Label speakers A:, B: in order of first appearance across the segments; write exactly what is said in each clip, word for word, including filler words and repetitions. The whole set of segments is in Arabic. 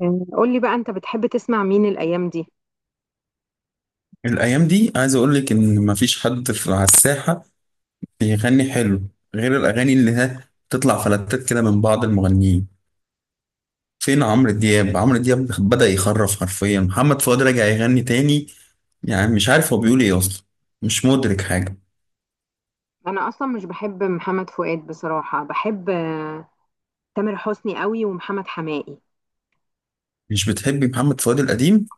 A: مم. قولي بقى، انت بتحب تسمع مين الايام دي؟
B: الأيام دي عايز أقولك إن مفيش حد في على الساحة بيغني حلو، غير الأغاني اللي ها تطلع فلتات كده من بعض المغنيين. فين عمرو دياب؟ عمرو دياب بدأ يخرف حرفيا. محمد فؤاد راجع يغني تاني، يعني مش عارف هو بيقول إيه أصلا، مش مدرك حاجة.
A: انا اصلا مش بحب محمد فؤاد بصراحة، بحب آه، تامر حسني قوي، ومحمد حماقي.
B: مش بتحبي محمد فؤاد القديم؟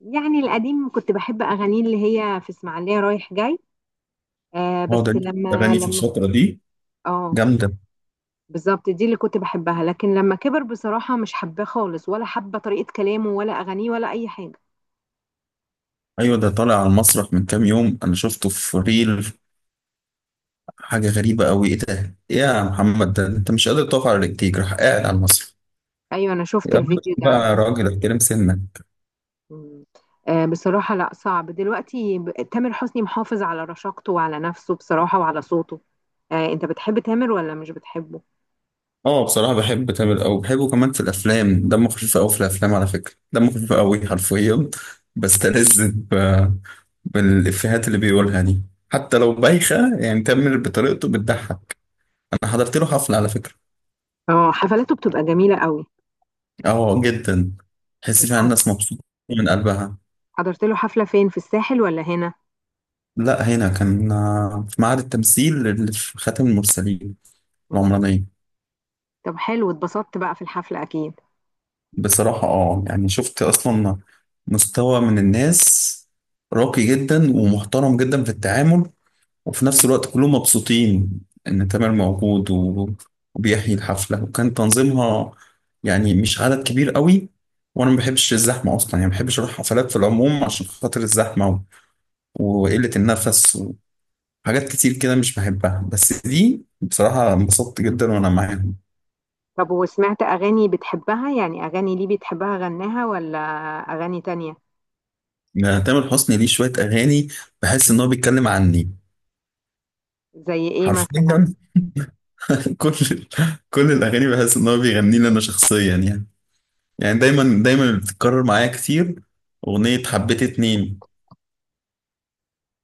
A: يعني القديم كنت بحب اغانيه، اللي هي في اسماعيلية رايح جاي. آه
B: هو
A: بس
B: ده ليه
A: لما
B: أغاني في
A: لما
B: الفترة دي
A: اه
B: جامدة.
A: بالظبط دي اللي كنت بحبها، لكن لما كبر بصراحة مش حباه خالص، ولا حابة طريقة كلامه ولا اغانيه ولا اي حاجة.
B: أيوة، ده طالع على المسرح من كام يوم، أنا شفته في ريل، حاجة غريبة أوي. إيه ده؟ إيه يا محمد ده؟ أنت مش قادر تقف على رجليك، راح قاعد على المسرح.
A: ايوه انا شفت
B: يا راجل
A: الفيديو ده.
B: بقى، يا راجل احترم سنك.
A: مم. آه، بصراحة لا، صعب دلوقتي ب- تامر حسني محافظ على رشاقته وعلى نفسه بصراحة وعلى صوته. آه، انت بتحب تامر ولا مش بتحبه؟
B: اه، بصراحة بحب تامر أوي، بحبه كمان في الأفلام، دمه خفيف أوي في الأفلام. على فكرة دمه خفيف أوي حرفيا، بستلذ ب- بالإفيهات اللي بيقولها دي، حتى لو بايخة. يعني تامر بطريقته بتضحك. أنا حضرت له حفلة على فكرة.
A: اه حفلاته بتبقى جميلة قوي.
B: اه جدا، تحس
A: انت
B: فيها
A: ح-
B: الناس مبسوطة من قلبها.
A: حضرت له حفلة فين، في الساحل ولا هنا؟
B: لا، هنا كان آه، في معهد التمثيل اللي في خاتم المرسلين،
A: مم.
B: العمرانية.
A: طب حلو، اتبسطت بقى في الحفلة اكيد؟
B: بصراحة اه، يعني شفت اصلا مستوى من الناس راقي جدا ومحترم جدا في التعامل، وفي نفس الوقت كلهم مبسوطين ان تامر موجود و- وبيحيي الحفلة، وكان تنظيمها يعني مش عدد كبير قوي، وانا ما بحبش الزحمة اصلا، يعني ما بحبش اروح حفلات في العموم عشان خاطر الزحمة و- وقلة النفس وحاجات كتير كده مش بحبها، بس دي بصراحة انبسطت جدا وانا معاهم.
A: طب وسمعت اغاني بتحبها؟ يعني اغاني ليه بتحبها غناها، ولا اغاني تانية؟
B: يعني تامر حسني ليه شوية اغاني بحس ان هو بيتكلم عني،
A: زي ايه مثلا؟
B: حرفيا. كل كل الاغاني بحس ان هو بيغني لي انا شخصيا يعني، يعني دايما دايما اللي بتتكرر معايا كتير اغنيه حبيت اتنين.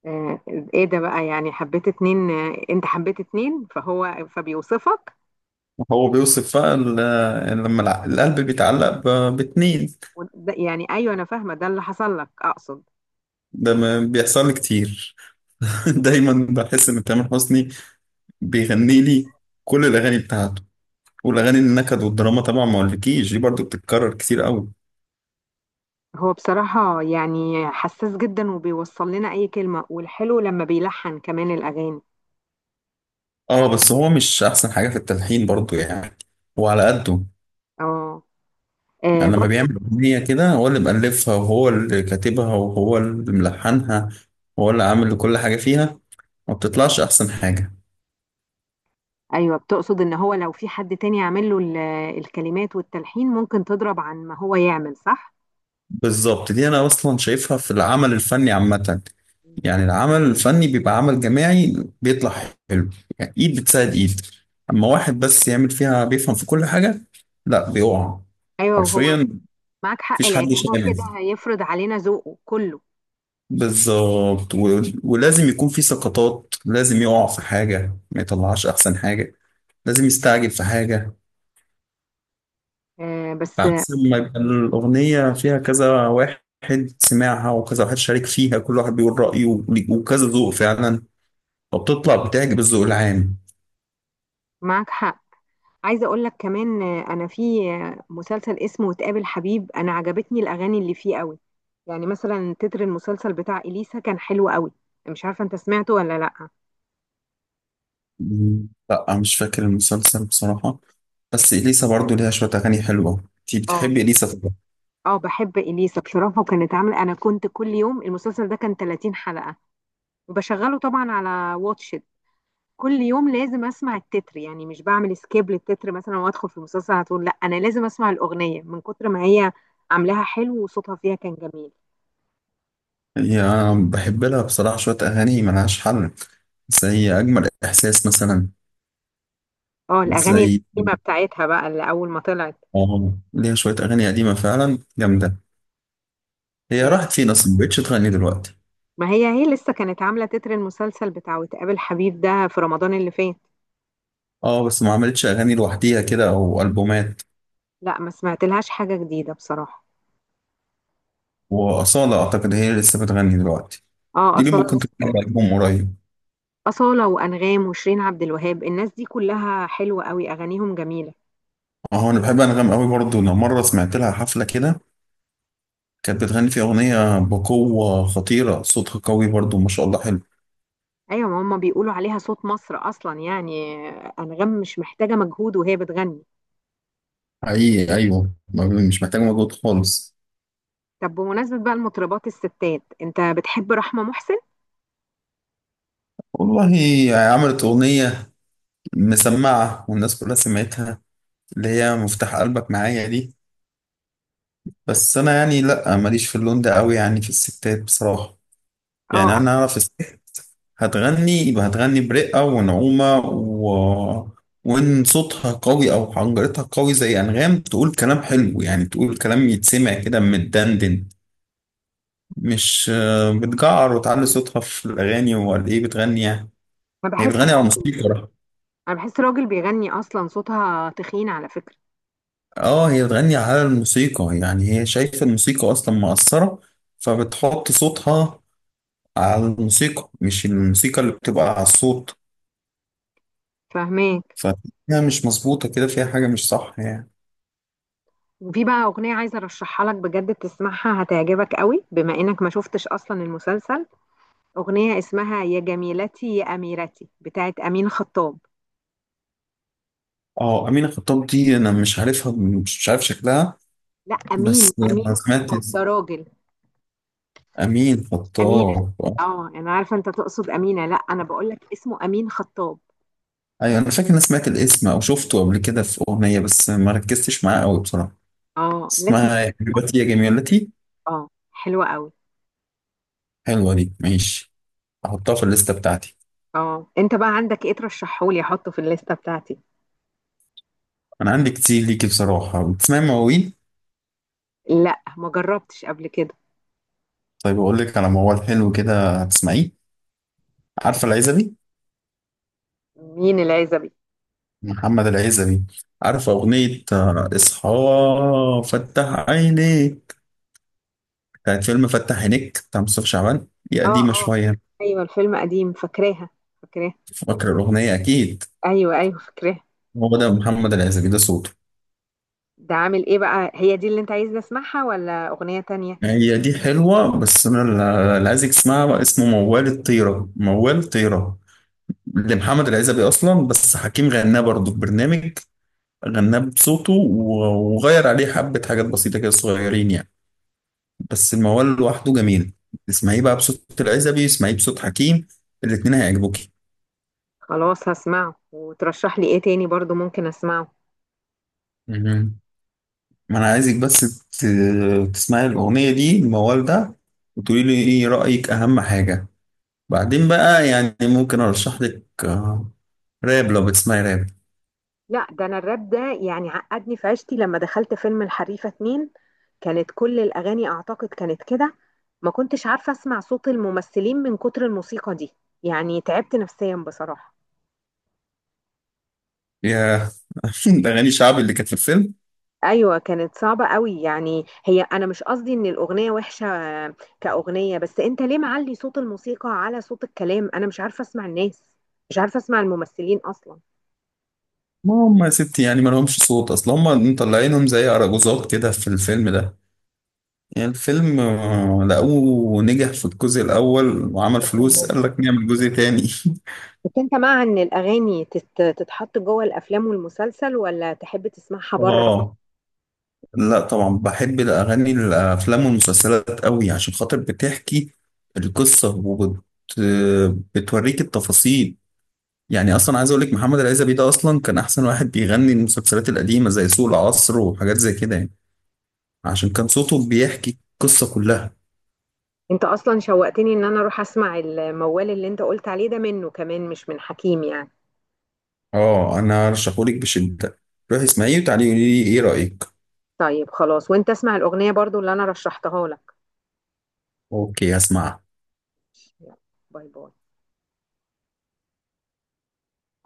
A: آه، ايه ده بقى يعني حبيت اتنين؟ آه، انت حبيت اتنين فهو فبيوصفك.
B: هو بيوصف بقى ال- يعني لما الع- القلب بيتعلق ب- باتنين.
A: وده- يعني ايوه انا فاهمه، ده اللي حصل لك اقصد.
B: ده ما بيحصل لي كتير. دايما بحس ان تامر حسني بيغني لي كل الاغاني بتاعته. والاغاني النكد والدراما طبعا ما اقولكيش، دي برضو بتتكرر كتير قوي.
A: هو بصراحه يعني حساس جدا، وبيوصل لنا اي كلمه، والحلو لما بيلحن كمان الاغاني.
B: اه بس هو مش احسن حاجه في التلحين برضو يعني، وعلى قده.
A: اه. آه،
B: يعني لما
A: برضو.
B: بيعمل أغنية كده هو اللي مألفها وهو اللي كاتبها وهو اللي ملحنها وهو اللي عامل كل حاجة فيها، ما بتطلعش أحسن حاجة.
A: ايوه بتقصد ان هو لو في حد تاني عامل له ال- الكلمات والتلحين ممكن تضرب، عن ما هو يعمل صح.
B: بالظبط، دي أنا أصلا شايفها في العمل الفني عامة. يعني العمل الفني بيبقى عمل جماعي بيطلع حلو، يعني إيد بتساعد إيد. أما واحد بس يعمل فيها بيفهم في كل حاجة، لا، بيقع
A: ايوه وهو
B: حرفيا.
A: معاك حق،
B: مفيش حد
A: لان هو
B: شامل.
A: كده هيفرض علينا ذوقه كله.
B: بالظبط و- ولازم يكون في سقطات، لازم يقع في حاجة، ما يطلعش أحسن حاجة، لازم يستعجل في حاجة.
A: آه، بس
B: عكس ما يبقى الأغنية فيها كذا واحد سمعها، وكذا واحد شارك فيها، كل واحد بيقول رأيه، وكذا ذوق فعلا، وبتطلع بتعجب الذوق العام.
A: معاك حق. عايزه اقول لك كمان، آه، انا في آه، مسلسل اسمه وتقابل حبيب، انا عجبتني الاغاني اللي فيه قوي. يعني مثلا تتر المسلسل بتاع اليسا كان حلو قوي، مش عارفه انت سمعته ولا لا.
B: مم. لا مش فاكر المسلسل بصراحة، بس إليسا برضو ليها شوية أغاني حلوة. أنتي بتحبي
A: اه
B: إليسا طبعا.
A: اه بحب اليسا بصراحه، وكانت عامله، انا كنت كل يوم، المسلسل ده كان ثلاثين حلقه، وبشغله طبعا على واتشت كل يوم، لازم اسمع التتر. يعني مش بعمل سكيب للتتر مثلا وادخل في المسلسل على طول، لا انا لازم اسمع الاغنيه، من كتر ما هي عاملاها حلو، وصوتها فيها كان جميل.
B: هي بحب لها بصراحة شوية أغاني ملهاش حل، زي أجمل إحساس مثلا.
A: اه الاغاني
B: زي
A: القديمه بتاعتها بقى، اللي اول ما طلعت.
B: آه ليها شوية أغاني قديمة فعلا جامدة. هي
A: آه،
B: راحت فين أصلا؟ مبقتش تغني دلوقتي.
A: ما هي هي لسه كانت عامله تتر المسلسل بتاع وتقابل حبيب ده في رمضان اللي فات.
B: اه بس ما عملتش اغاني لوحديها كده او البومات.
A: لا ما سمعت لهاش حاجه جديده بصراحه.
B: واصاله اعتقد هي اللي لسه بتغني دلوقتي،
A: اه
B: دي اللي
A: اصاله
B: ممكن
A: لسه
B: تكون عاملة
A: موجودة.
B: البوم قريب.
A: اصاله وانغام وشيرين عبد الوهاب، الناس دي كلها حلوه قوي، اغانيهم جميله.
B: اه، انا بحب انغام قوي برضو. انا مره سمعت لها حفله كده، كانت بتغني في اغنيه بقوه خطيره، صوتها قوي برضو ما شاء الله، حلو.
A: ايوه ما هم بيقولوا عليها صوت مصر اصلا. يعني آه، انغام مش محتاجه مجهود وهي بتغني.
B: حقيقي ايوه، ما- مش محتاج مجهود خالص.
A: طب بمناسبه بقى المطربات الستات، انت بتحب رحمه محسن؟
B: والله عملت اغنيه مسمعه والناس كلها سمعتها، اللي هي مفتاح قلبك معايا دي، بس انا يعني لا، ماليش في اللون ده قوي يعني في الستات بصراحه. يعني
A: اه
B: انا اعرف الست هتغني، يبقى هتغني برقة ونعومة و... وان صوتها قوي او حنجرتها قوي زي انغام، تقول كلام حلو، يعني تقول كلام يتسمع كده متدندن، مش آه، بتجعر وتعلي صوتها في الاغاني ولا ايه، بتغني يعني،
A: انا
B: هي
A: بحس،
B: بتغني على الموسيقى.
A: انا بحس راجل بيغني اصلا، صوتها تخين على فكره.
B: اه، هي بتغني على الموسيقى، يعني هي شايفة الموسيقى اصلا مؤثرة، فبتحط صوتها على الموسيقى، مش الموسيقى اللي بتبقى على الصوت.
A: فاهماك.
B: فهي مش مظبوطة كده، فيها حاجة مش صح يعني.
A: وفي بقى أغنية عايزة أرشحها لك بجد، تسمعها هتعجبك قوي، بما إنك ما شفتش أصلا المسلسل. أغنية اسمها يا جميلتي يا أميرتي بتاعت أمين خطاب.
B: اه، أمينة خطاب دي أنا مش عارفها، مش مش عارف شكلها.
A: لا
B: بس
A: أمين، أمين
B: أنا سمعت
A: خطاب ده
B: اسم-
A: راجل.
B: أمين
A: أمينة.
B: خطاب، آه.
A: اه أنا عارفة أنت تقصد أمينة، لا أنا بقول لك اسمه أمين خطاب.
B: أيوة، أنا فاكر إن أنا سمعت الاسم أو شفته قبل كده في أغنية، بس ما ركزتش معاه أوي بصراحة.
A: اه لازم.
B: اسمها يا حبيبتي يا جميلتي.
A: اه حلوة قوي.
B: حلوة دي، ماشي، أحطها في الليستة بتاعتي.
A: اه أنت بقى عندك إيه ترشحهولي، أحطه في الليستة بتاعتي؟
B: أنا عندي كتير ليكي بصراحة. بتسمعي مواويل؟
A: لا ما جربتش قبل كده.
B: طيب أقول لك على موال حلو كده هتسمعيه. عارفة العزبي؟
A: مين العزبي؟
B: محمد العزبي. عارفة أغنية آه، إصحى فتح عينيك؟ كانت فيلم فتح عينيك بتاع مصطفى شعبان. هي
A: اه
B: قديمة
A: اه.
B: شوية.
A: أيوة الفيلم قديم، فاكراها. فاكراها.
B: فاكر الأغنية أكيد،
A: ايوه ايوه فاكراه.
B: هو ده محمد العزبي ده صوته.
A: ده عامل ايه بقى، هي دي اللي انت عايزني اسمعها ولا اغنية تانية؟
B: هي دي حلوة، بس أنا ال- اللي عايز اسمها اسمه موال الطيرة، موال طيرة لمحمد العزبي أصلا، بس حكيم غناه برضه في برنامج، غناه بصوته و- وغير عليه حبة حاجات بسيطة كده صغيرين يعني. بس الموال لوحده جميل. اسمعيه بقى بصوت العزبي، اسمعيه بصوت حكيم، الاتنين هيعجبوكي.
A: خلاص هسمعه، وترشح لي ايه تاني برضو ممكن اسمعه؟
B: ما انا عايزك بس ت- تسمعي الاغنيه دي، الموال ده، وتقولي لي ايه رايك، اهم حاجه. بعدين بقى يعني ممكن ارشح لك آه، راب، لو بتسمعي راب.
A: لا ده انا الراب ده يعني عقدني في عشتي، لما دخلت فيلم الحريفة اتنين كانت كل الاغاني اعتقد كانت كده. ما كنتش عارفة اسمع صوت الممثلين من كتر الموسيقى دي، يعني تعبت نفسيا بصراحة.
B: يا اغاني شعب اللي كانت في الفيلم.
A: ايوه كانت صعبه قوي. يعني هي انا مش قصدي ان الاغنيه وحشه كاغنيه، بس انت ليه معلي صوت الموسيقى على صوت الكلام، انا مش عارفه اسمع الناس، مش عارفه اسمع الممثلين اصلا.
B: ما هم يا ستي يعني ما لهمش صوت، اصل هم مطلعينهم زي اراجوزات كده في الفيلم ده. يعني الفيلم آه، لقوه نجح في الجزء الاول وعمل فلوس،
A: تمام.
B: قال لك نعمل جزء تاني.
A: بس انت مع ان الاغاني تت- تتحط جوه الافلام والمسلسل، ولا تحب تسمعها بره؟
B: اه، لا طبعا بحب الأغاني الأفلام والمسلسلات قوي، عشان خاطر بتحكي القصة وبت بتوريك التفاصيل. يعني أصلا عايز أقولك محمد العزبي ده أصلا كان أحسن واحد بيغني المسلسلات القديمة زي سوق العصر وحاجات زي كده يعني، عشان كان صوته بيحكي القصة كلها.
A: انت اصلا شوقتني ان انا اروح اسمع الموال اللي انت قلت عليه ده، منه كمان مش من حكيم يعني.
B: اه أنا أرشحهولك بشدة، روحي اسمعيه وتعالي قولي لي إيه رأيك.
A: طيب خلاص، وانت اسمع الاغنيه برضو اللي انا رشحتها لك.
B: أوكي، هسمعها.
A: يلا، باي باي.